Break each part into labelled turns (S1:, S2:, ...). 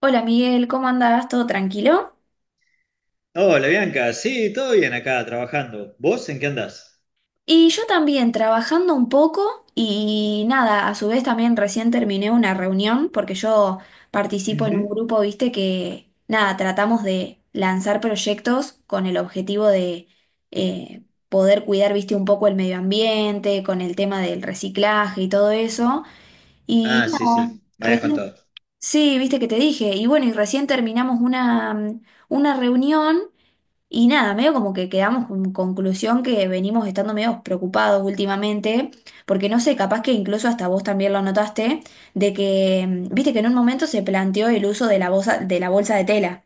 S1: Hola Miguel, ¿cómo andás? ¿Todo tranquilo?
S2: Hola Bianca, sí, todo bien acá trabajando. ¿Vos en qué andás?
S1: Y yo también trabajando un poco y nada, a su vez también recién terminé una reunión porque yo participo en un
S2: Ujú.
S1: grupo, viste, que nada, tratamos de lanzar proyectos con el objetivo de poder cuidar, viste, un poco el medio ambiente, con el tema del reciclaje y todo eso. Y
S2: Ah, sí,
S1: nada,
S2: sí, me habías
S1: recién...
S2: contado.
S1: Sí, viste que te dije. Y bueno, y recién terminamos una una reunión. Y nada, medio como que quedamos con conclusión que venimos estando medio preocupados últimamente, porque no sé, capaz que incluso hasta vos también lo notaste, de que, viste que en un momento se planteó el uso de la bolsa, de la bolsa de tela.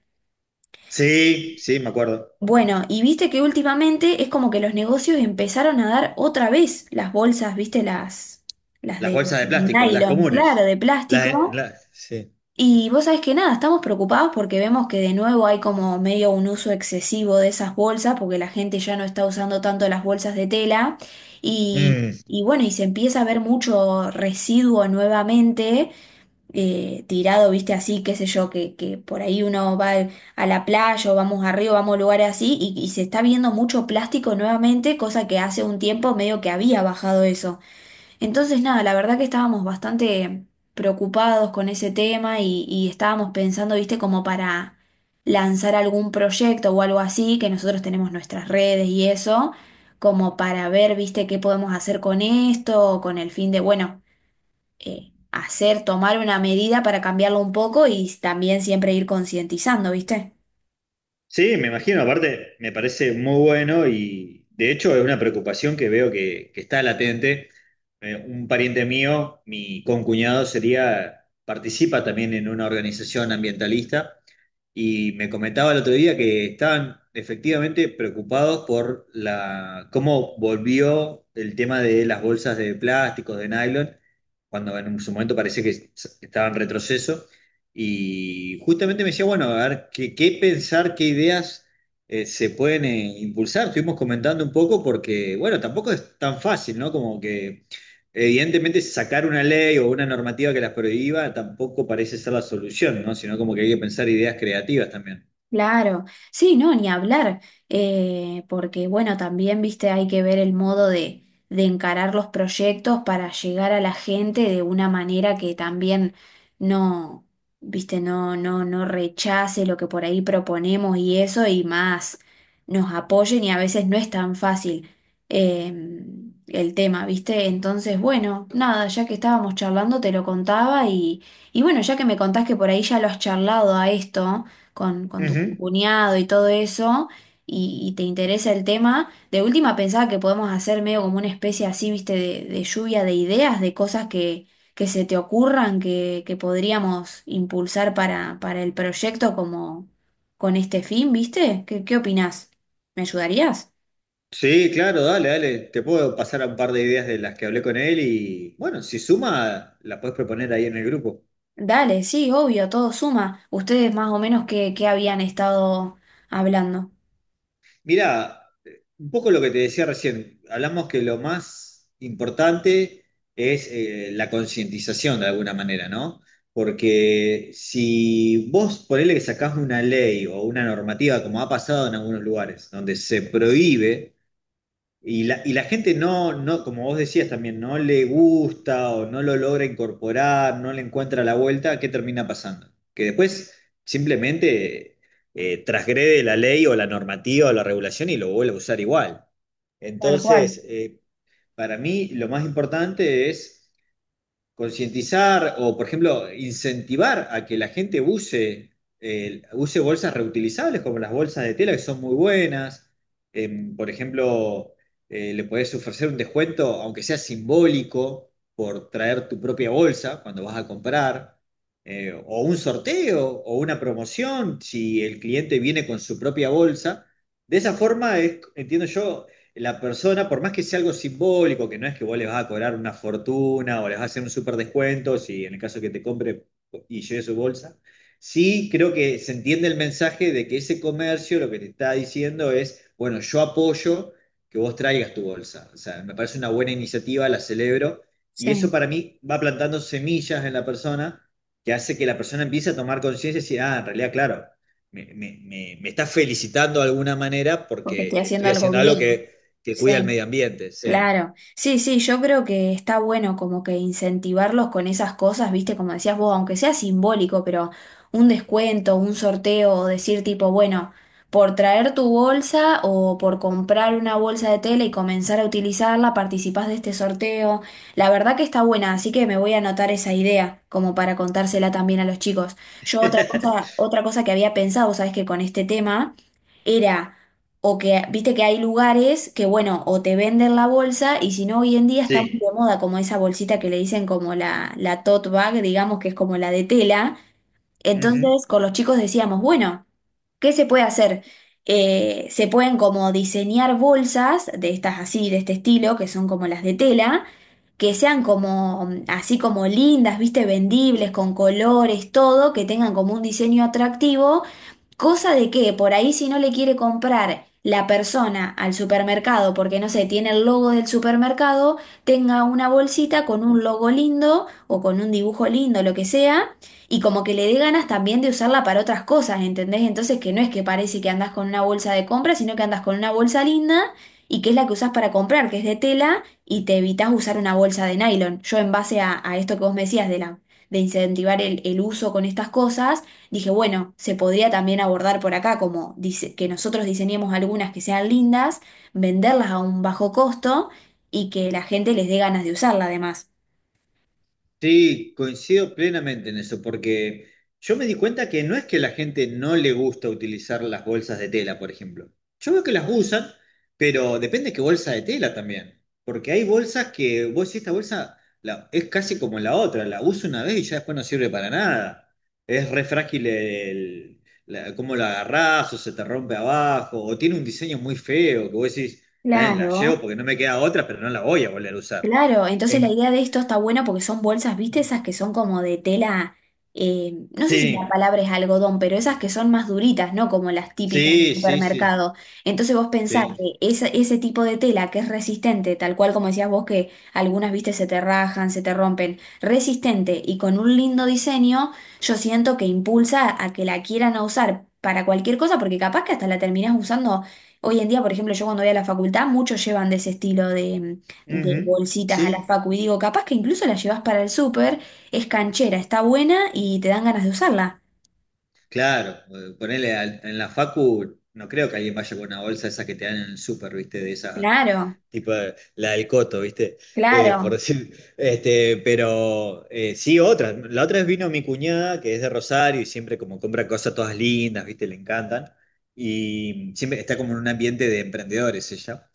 S2: Sí, sí, me acuerdo.
S1: Bueno, y viste que últimamente es como que los negocios empezaron a dar otra vez las bolsas, viste, las
S2: Las
S1: de
S2: bolsas de plástico, las
S1: nylon, claro,
S2: comunes.
S1: de
S2: Las,
S1: plástico.
S2: las- sí.
S1: Y vos sabés que nada, estamos preocupados porque vemos que de nuevo hay como medio un uso excesivo de esas bolsas, porque la gente ya no está usando tanto las bolsas de tela y,
S2: Mm.
S1: y bueno, y se empieza a ver mucho residuo nuevamente tirado, viste, así, qué sé yo, que por ahí uno va al- a la playa o vamos arriba, vamos a lugares así y se está viendo mucho plástico nuevamente, cosa que hace un tiempo medio que había bajado eso. Entonces, nada, la verdad que estábamos bastante preocupados con ese tema y estábamos pensando, viste, como para lanzar algún proyecto o algo así, que nosotros tenemos nuestras redes y eso, como para ver, viste, qué podemos hacer con esto, con el fin de, bueno, hacer, tomar una medida para cambiarlo un poco y también siempre ir concientizando, viste.
S2: Sí, me imagino, aparte me parece muy bueno y de hecho es una preocupación que veo que está latente. Un pariente mío, mi concuñado, sería, participa también en una organización ambientalista. Y me comentaba el otro día que estaban efectivamente preocupados por la, cómo volvió el tema de las bolsas de plásticos, de nylon, cuando en su momento parecía que s- estaba en retroceso. Y justamente me decía, bueno, a ver, qué pensar, qué ideas se pueden impulsar. Estuvimos comentando un poco porque, bueno, tampoco es tan fácil, ¿no? Como que evidentemente, sacar una ley o una normativa que las prohíba tampoco parece ser la solución, ¿no? Sino como que hay que pensar ideas creativas también.
S1: Claro, sí, no, ni hablar, porque bueno, también, viste, hay que ver el modo de encarar los proyectos para llegar a la gente de una manera que también no, viste, no rechace lo que por ahí proponemos y eso y más nos apoyen y a veces no es tan fácil eh, el tema, viste, entonces, bueno, nada, ya que estábamos charlando te lo contaba y bueno, ya que me contás que por ahí ya lo has charlado a esto con tu
S2: Ujú.
S1: cuñado y todo eso, y te interesa el tema, de última pensaba que podemos hacer medio como una especie así, viste, de lluvia de ideas, de cosas que se te ocurran, que podríamos impulsar para el proyecto como con este fin, viste. ¿Qué, qué opinás? ¿Me ayudarías?
S2: Sí, claro, dale, dale. Te puedo pasar a un par de ideas de las que hablé con él y bueno, si suma, la puedes proponer ahí en el grupo.
S1: Dale, sí, obvio, todo suma. Ustedes más o menos qué, qué habían estado hablando.
S2: Mirá, un poco lo que te decía recién, hablamos que lo más importante es la concientización de alguna manera, ¿no? Porque si vos ponele que sacás una ley o una normativa, como ha pasado en algunos lugares, donde se prohíbe y la gente no, no, como vos decías también, no le gusta o no lo logra incorporar, no le encuentra la vuelta, ¿qué termina pasando? Que después simplemente transgrede la ley o la normativa o la regulación y lo vuelve a usar igual.
S1: Tal cual.
S2: Entonces, para mí lo más importante es concientizar o, por ejemplo, incentivar a que la gente use, use bolsas reutilizables como las bolsas de tela, que son muy buenas. Por ejemplo, le podés ofrecer un descuento, aunque sea simbólico, por traer tu propia bolsa cuando vas a comprar. O un sorteo o una promoción si el cliente viene con su propia bolsa. De esa forma, es, entiendo yo, la persona, por más que sea algo simbólico, que no es que vos les vas a cobrar una fortuna o les vas a hacer un súper descuento, si en el caso que te compre y lleve su bolsa, sí creo que se entiende el mensaje de que ese comercio lo que te está diciendo es, bueno, yo apoyo que vos traigas tu bolsa. O sea, me parece una buena iniciativa, la celebro, y eso
S1: Sí,
S2: para mí va plantando semillas en la persona que hace que la persona empiece a tomar conciencia y decir, ah, en realidad, claro. Me está felicitando de alguna manera
S1: porque estoy
S2: porque
S1: haciendo
S2: estoy
S1: algo
S2: haciendo algo
S1: bien.
S2: que cuida el
S1: Sí.
S2: medio ambiente, sí.
S1: Claro, sí, sí, yo creo que está bueno como que incentivarlos con esas cosas, viste, como decías vos, aunque sea simbólico, pero un descuento, un sorteo, o decir tipo, bueno, por traer tu bolsa o por comprar una bolsa de tela y comenzar a utilizarla, participás de este sorteo. La verdad que está buena, así que me voy a anotar esa idea, como para contársela también a los chicos. Yo otra cosa que había pensado, sabes que con este tema era o que, viste que hay lugares que, bueno, o te venden la bolsa y si no, hoy en día está muy
S2: Sí.
S1: de moda como esa bolsita que le dicen como la tote bag, digamos que es como la de tela.
S2: Ujú.
S1: Entonces, con los chicos decíamos, bueno. ¿Qué se puede hacer? Se pueden como diseñar bolsas de estas así, de este estilo, que son como las de tela, que sean como así como lindas, viste, vendibles, con colores, todo, que tengan como un diseño atractivo, cosa de que por ahí si no le quiere comprar la persona al supermercado, porque no sé, tiene el logo del supermercado, tenga una bolsita con un logo lindo o con un dibujo lindo, lo que sea y como que le dé ganas también de usarla para otras cosas, ¿entendés? Entonces que no es que parece que andás con una bolsa de compra, sino que andás con una bolsa linda y que es la que usás para comprar, que es de tela, y te evitás usar una bolsa de nylon. Yo en base a esto que vos me decías de la, de incentivar el uso con estas cosas, dije, bueno, se podría también abordar por acá, como dice, que nosotros diseñemos algunas que sean lindas, venderlas a un bajo costo y que la gente les dé ganas de usarla además.
S2: Sí, coincido plenamente en eso, porque yo me di cuenta que no es que la gente no le gusta utilizar las bolsas de tela, por ejemplo. Yo veo que las usan, pero depende qué bolsa de tela también. Porque hay bolsas que vos decís, esta bolsa la- es casi como la otra, la uso una vez y ya después no sirve para nada. Es re frágil la- cómo la agarrás o se te rompe abajo, o tiene un diseño muy feo que vos decís, "Está bien, la llevo
S1: Claro.
S2: porque no me queda otra, pero no la voy a volver a usar.
S1: Claro, entonces la
S2: En-
S1: idea de esto está buena porque son bolsas, ¿viste? Esas que son como de tela, no sé si la
S2: sí.
S1: palabra es algodón, pero esas que son más duritas, ¿no? Como las típicas del
S2: Sí, sí, sí,
S1: supermercado. Entonces vos pensás
S2: sí.
S1: que ese tipo de tela que es resistente, tal cual como decías vos que algunas, viste, se te rajan, se te rompen, resistente y con un lindo diseño, yo siento que impulsa a que la quieran a usar para cualquier cosa porque capaz que hasta la terminás usando. Hoy en día, por ejemplo, yo cuando voy a la facultad, muchos llevan de ese estilo de
S2: Ujú.
S1: bolsitas a la
S2: Sí,
S1: facu y digo, capaz que incluso la llevas para el súper, es canchera, está buena y te dan ganas de usarla.
S2: claro. Ponele al- en la facu, no creo que alguien vaya con una bolsa esa que te dan en el súper, ¿viste? De esa,
S1: Claro,
S2: tipo de- la del coto, ¿viste? Por
S1: claro,
S2: decir, pero sí, otra. La otra vez vino mi cuñada, que es de Rosario, y siempre como compra cosas todas lindas, ¿viste? Le encantan. Y siempre está como en un ambiente de emprendedores ella.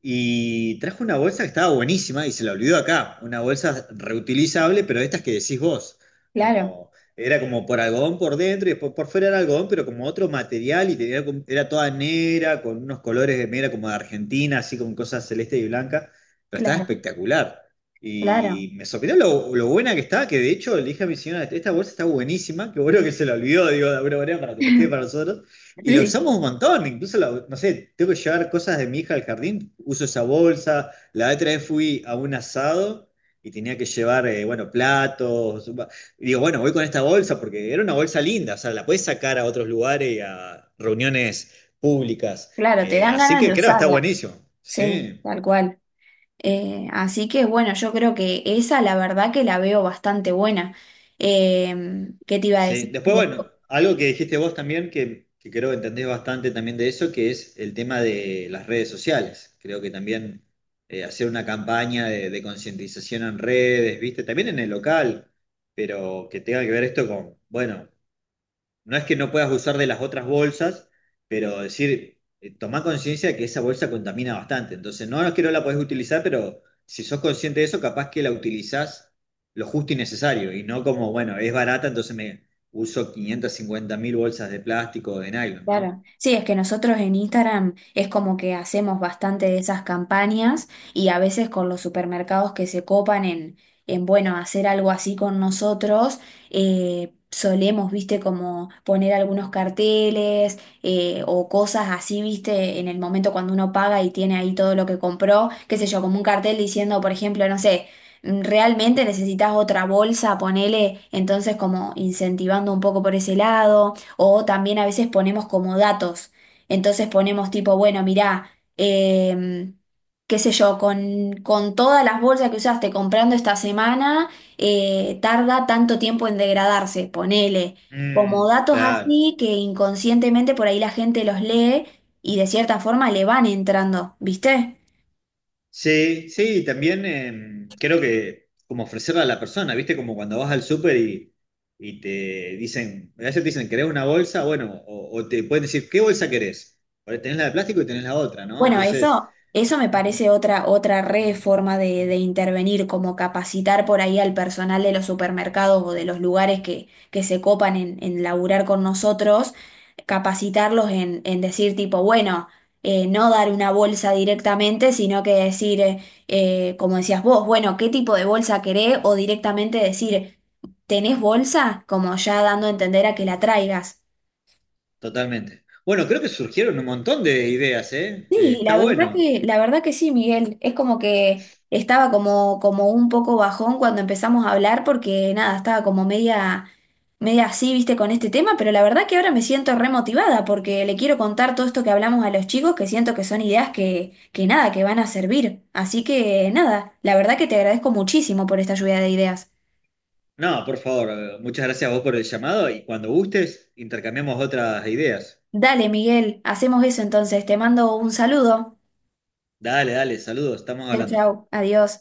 S2: Y trajo una bolsa que estaba buenísima y se la olvidó acá. Una bolsa reutilizable, pero de estas que decís vos.
S1: claro,
S2: Como, era como por algodón por dentro y después por fuera era algodón, pero como otro material y tenía, como- era toda negra, con unos colores de negra como de Argentina, así con cosas celeste y blanca. Pero estaba
S1: claro,
S2: espectacular.
S1: claro.
S2: Y me sorprendió lo buena que estaba, que de hecho le dije a mi señora, esta bolsa está buenísima, qué bueno que se la olvidó, digo, de alguna manera, para que nos quede para nosotros. Y la
S1: Sí,
S2: usamos un montón, incluso, la- no sé, tengo que llevar cosas de mi hija al jardín, uso esa bolsa. La otra vez fui a un asado y tenía que llevar, bueno, platos. Va- y digo, bueno, voy con esta bolsa porque era una bolsa linda, o sea, la puedes sacar a otros lugares y a reuniones públicas.
S1: claro, te dan
S2: Así
S1: ganas
S2: que
S1: de
S2: creo que está
S1: usarla.
S2: buenísimo.
S1: Sí,
S2: Sí.
S1: tal cual. Así que bueno, yo creo que esa la verdad que la veo bastante buena. ¿Qué te iba a
S2: Sí,
S1: decir?
S2: después, bueno, algo que dijiste vos también, que creo que entendés bastante también de eso, que es el tema de las redes sociales. Creo que también hacer una campaña de concientización en redes, ¿viste? También en el local, pero que tenga que ver esto con, bueno, no es que no puedas usar de las otras bolsas, pero decir, tomá conciencia de que esa bolsa contamina bastante. Entonces, no es que no la podés utilizar, pero si sos consciente de eso, capaz que la utilizás lo justo y necesario. Y no como, bueno, es barata, entonces me uso 550.000 bolsas de plástico o de nylon, ¿no?
S1: Claro. Sí, es que nosotros en Instagram es como que hacemos bastante de esas campañas y a veces con los supermercados que se copan en bueno, hacer algo así con nosotros, solemos, viste, como poner algunos carteles o cosas así, viste, en el momento cuando uno paga y tiene ahí todo lo que compró, qué sé yo, como un cartel diciendo, por ejemplo, no sé. Realmente necesitas otra bolsa, ponele, entonces como incentivando un poco por ese lado. O también a veces ponemos como datos. Entonces ponemos tipo, bueno, mirá, em, qué sé yo, con todas las bolsas que usaste comprando esta semana, tarda tanto tiempo en degradarse, ponele. Como
S2: Mm,
S1: datos
S2: claro.
S1: así que inconscientemente por ahí la gente los lee y de cierta forma le van entrando, ¿viste?
S2: Sí, sí, también creo que como ofrecerla a la persona, ¿viste? Como cuando vas al súper y te dicen, a veces te dicen, ¿querés una bolsa? Bueno, o te pueden decir, ¿qué bolsa querés? Porque tenés la de plástico y tenés la otra, ¿no?
S1: Bueno,
S2: Entonces,
S1: eso me
S2: mm,
S1: parece otra, otra re
S2: mm,
S1: forma de
S2: mm,
S1: intervenir, como capacitar por ahí al personal de los supermercados o de los lugares que se copan en laburar con nosotros, capacitarlos en decir tipo, bueno, no dar una bolsa directamente, sino que decir, como decías vos, bueno, ¿qué tipo de bolsa querés? O directamente decir, ¿tenés bolsa? Como ya dando a entender a que la traigas.
S2: totalmente. Bueno, creo que surgieron un montón de ideas, ¿eh?
S1: Sí,
S2: Está bueno.
S1: la verdad que sí, Miguel. Es como que estaba como, como un poco bajón cuando empezamos a hablar, porque nada, estaba como media, media así, viste, con este tema, pero la verdad que ahora me siento remotivada, porque le quiero contar todo esto que hablamos a los chicos, que siento que son ideas que nada, que van a servir. Así que nada, la verdad que te agradezco muchísimo por esta lluvia de ideas.
S2: No, por favor, muchas gracias a vos por el llamado y cuando gustes, intercambiamos otras ideas.
S1: Dale, Miguel, hacemos eso entonces. Te mando un saludo.
S2: Dale, dale, saludos, estamos
S1: Chau,
S2: hablando.
S1: chau, adiós.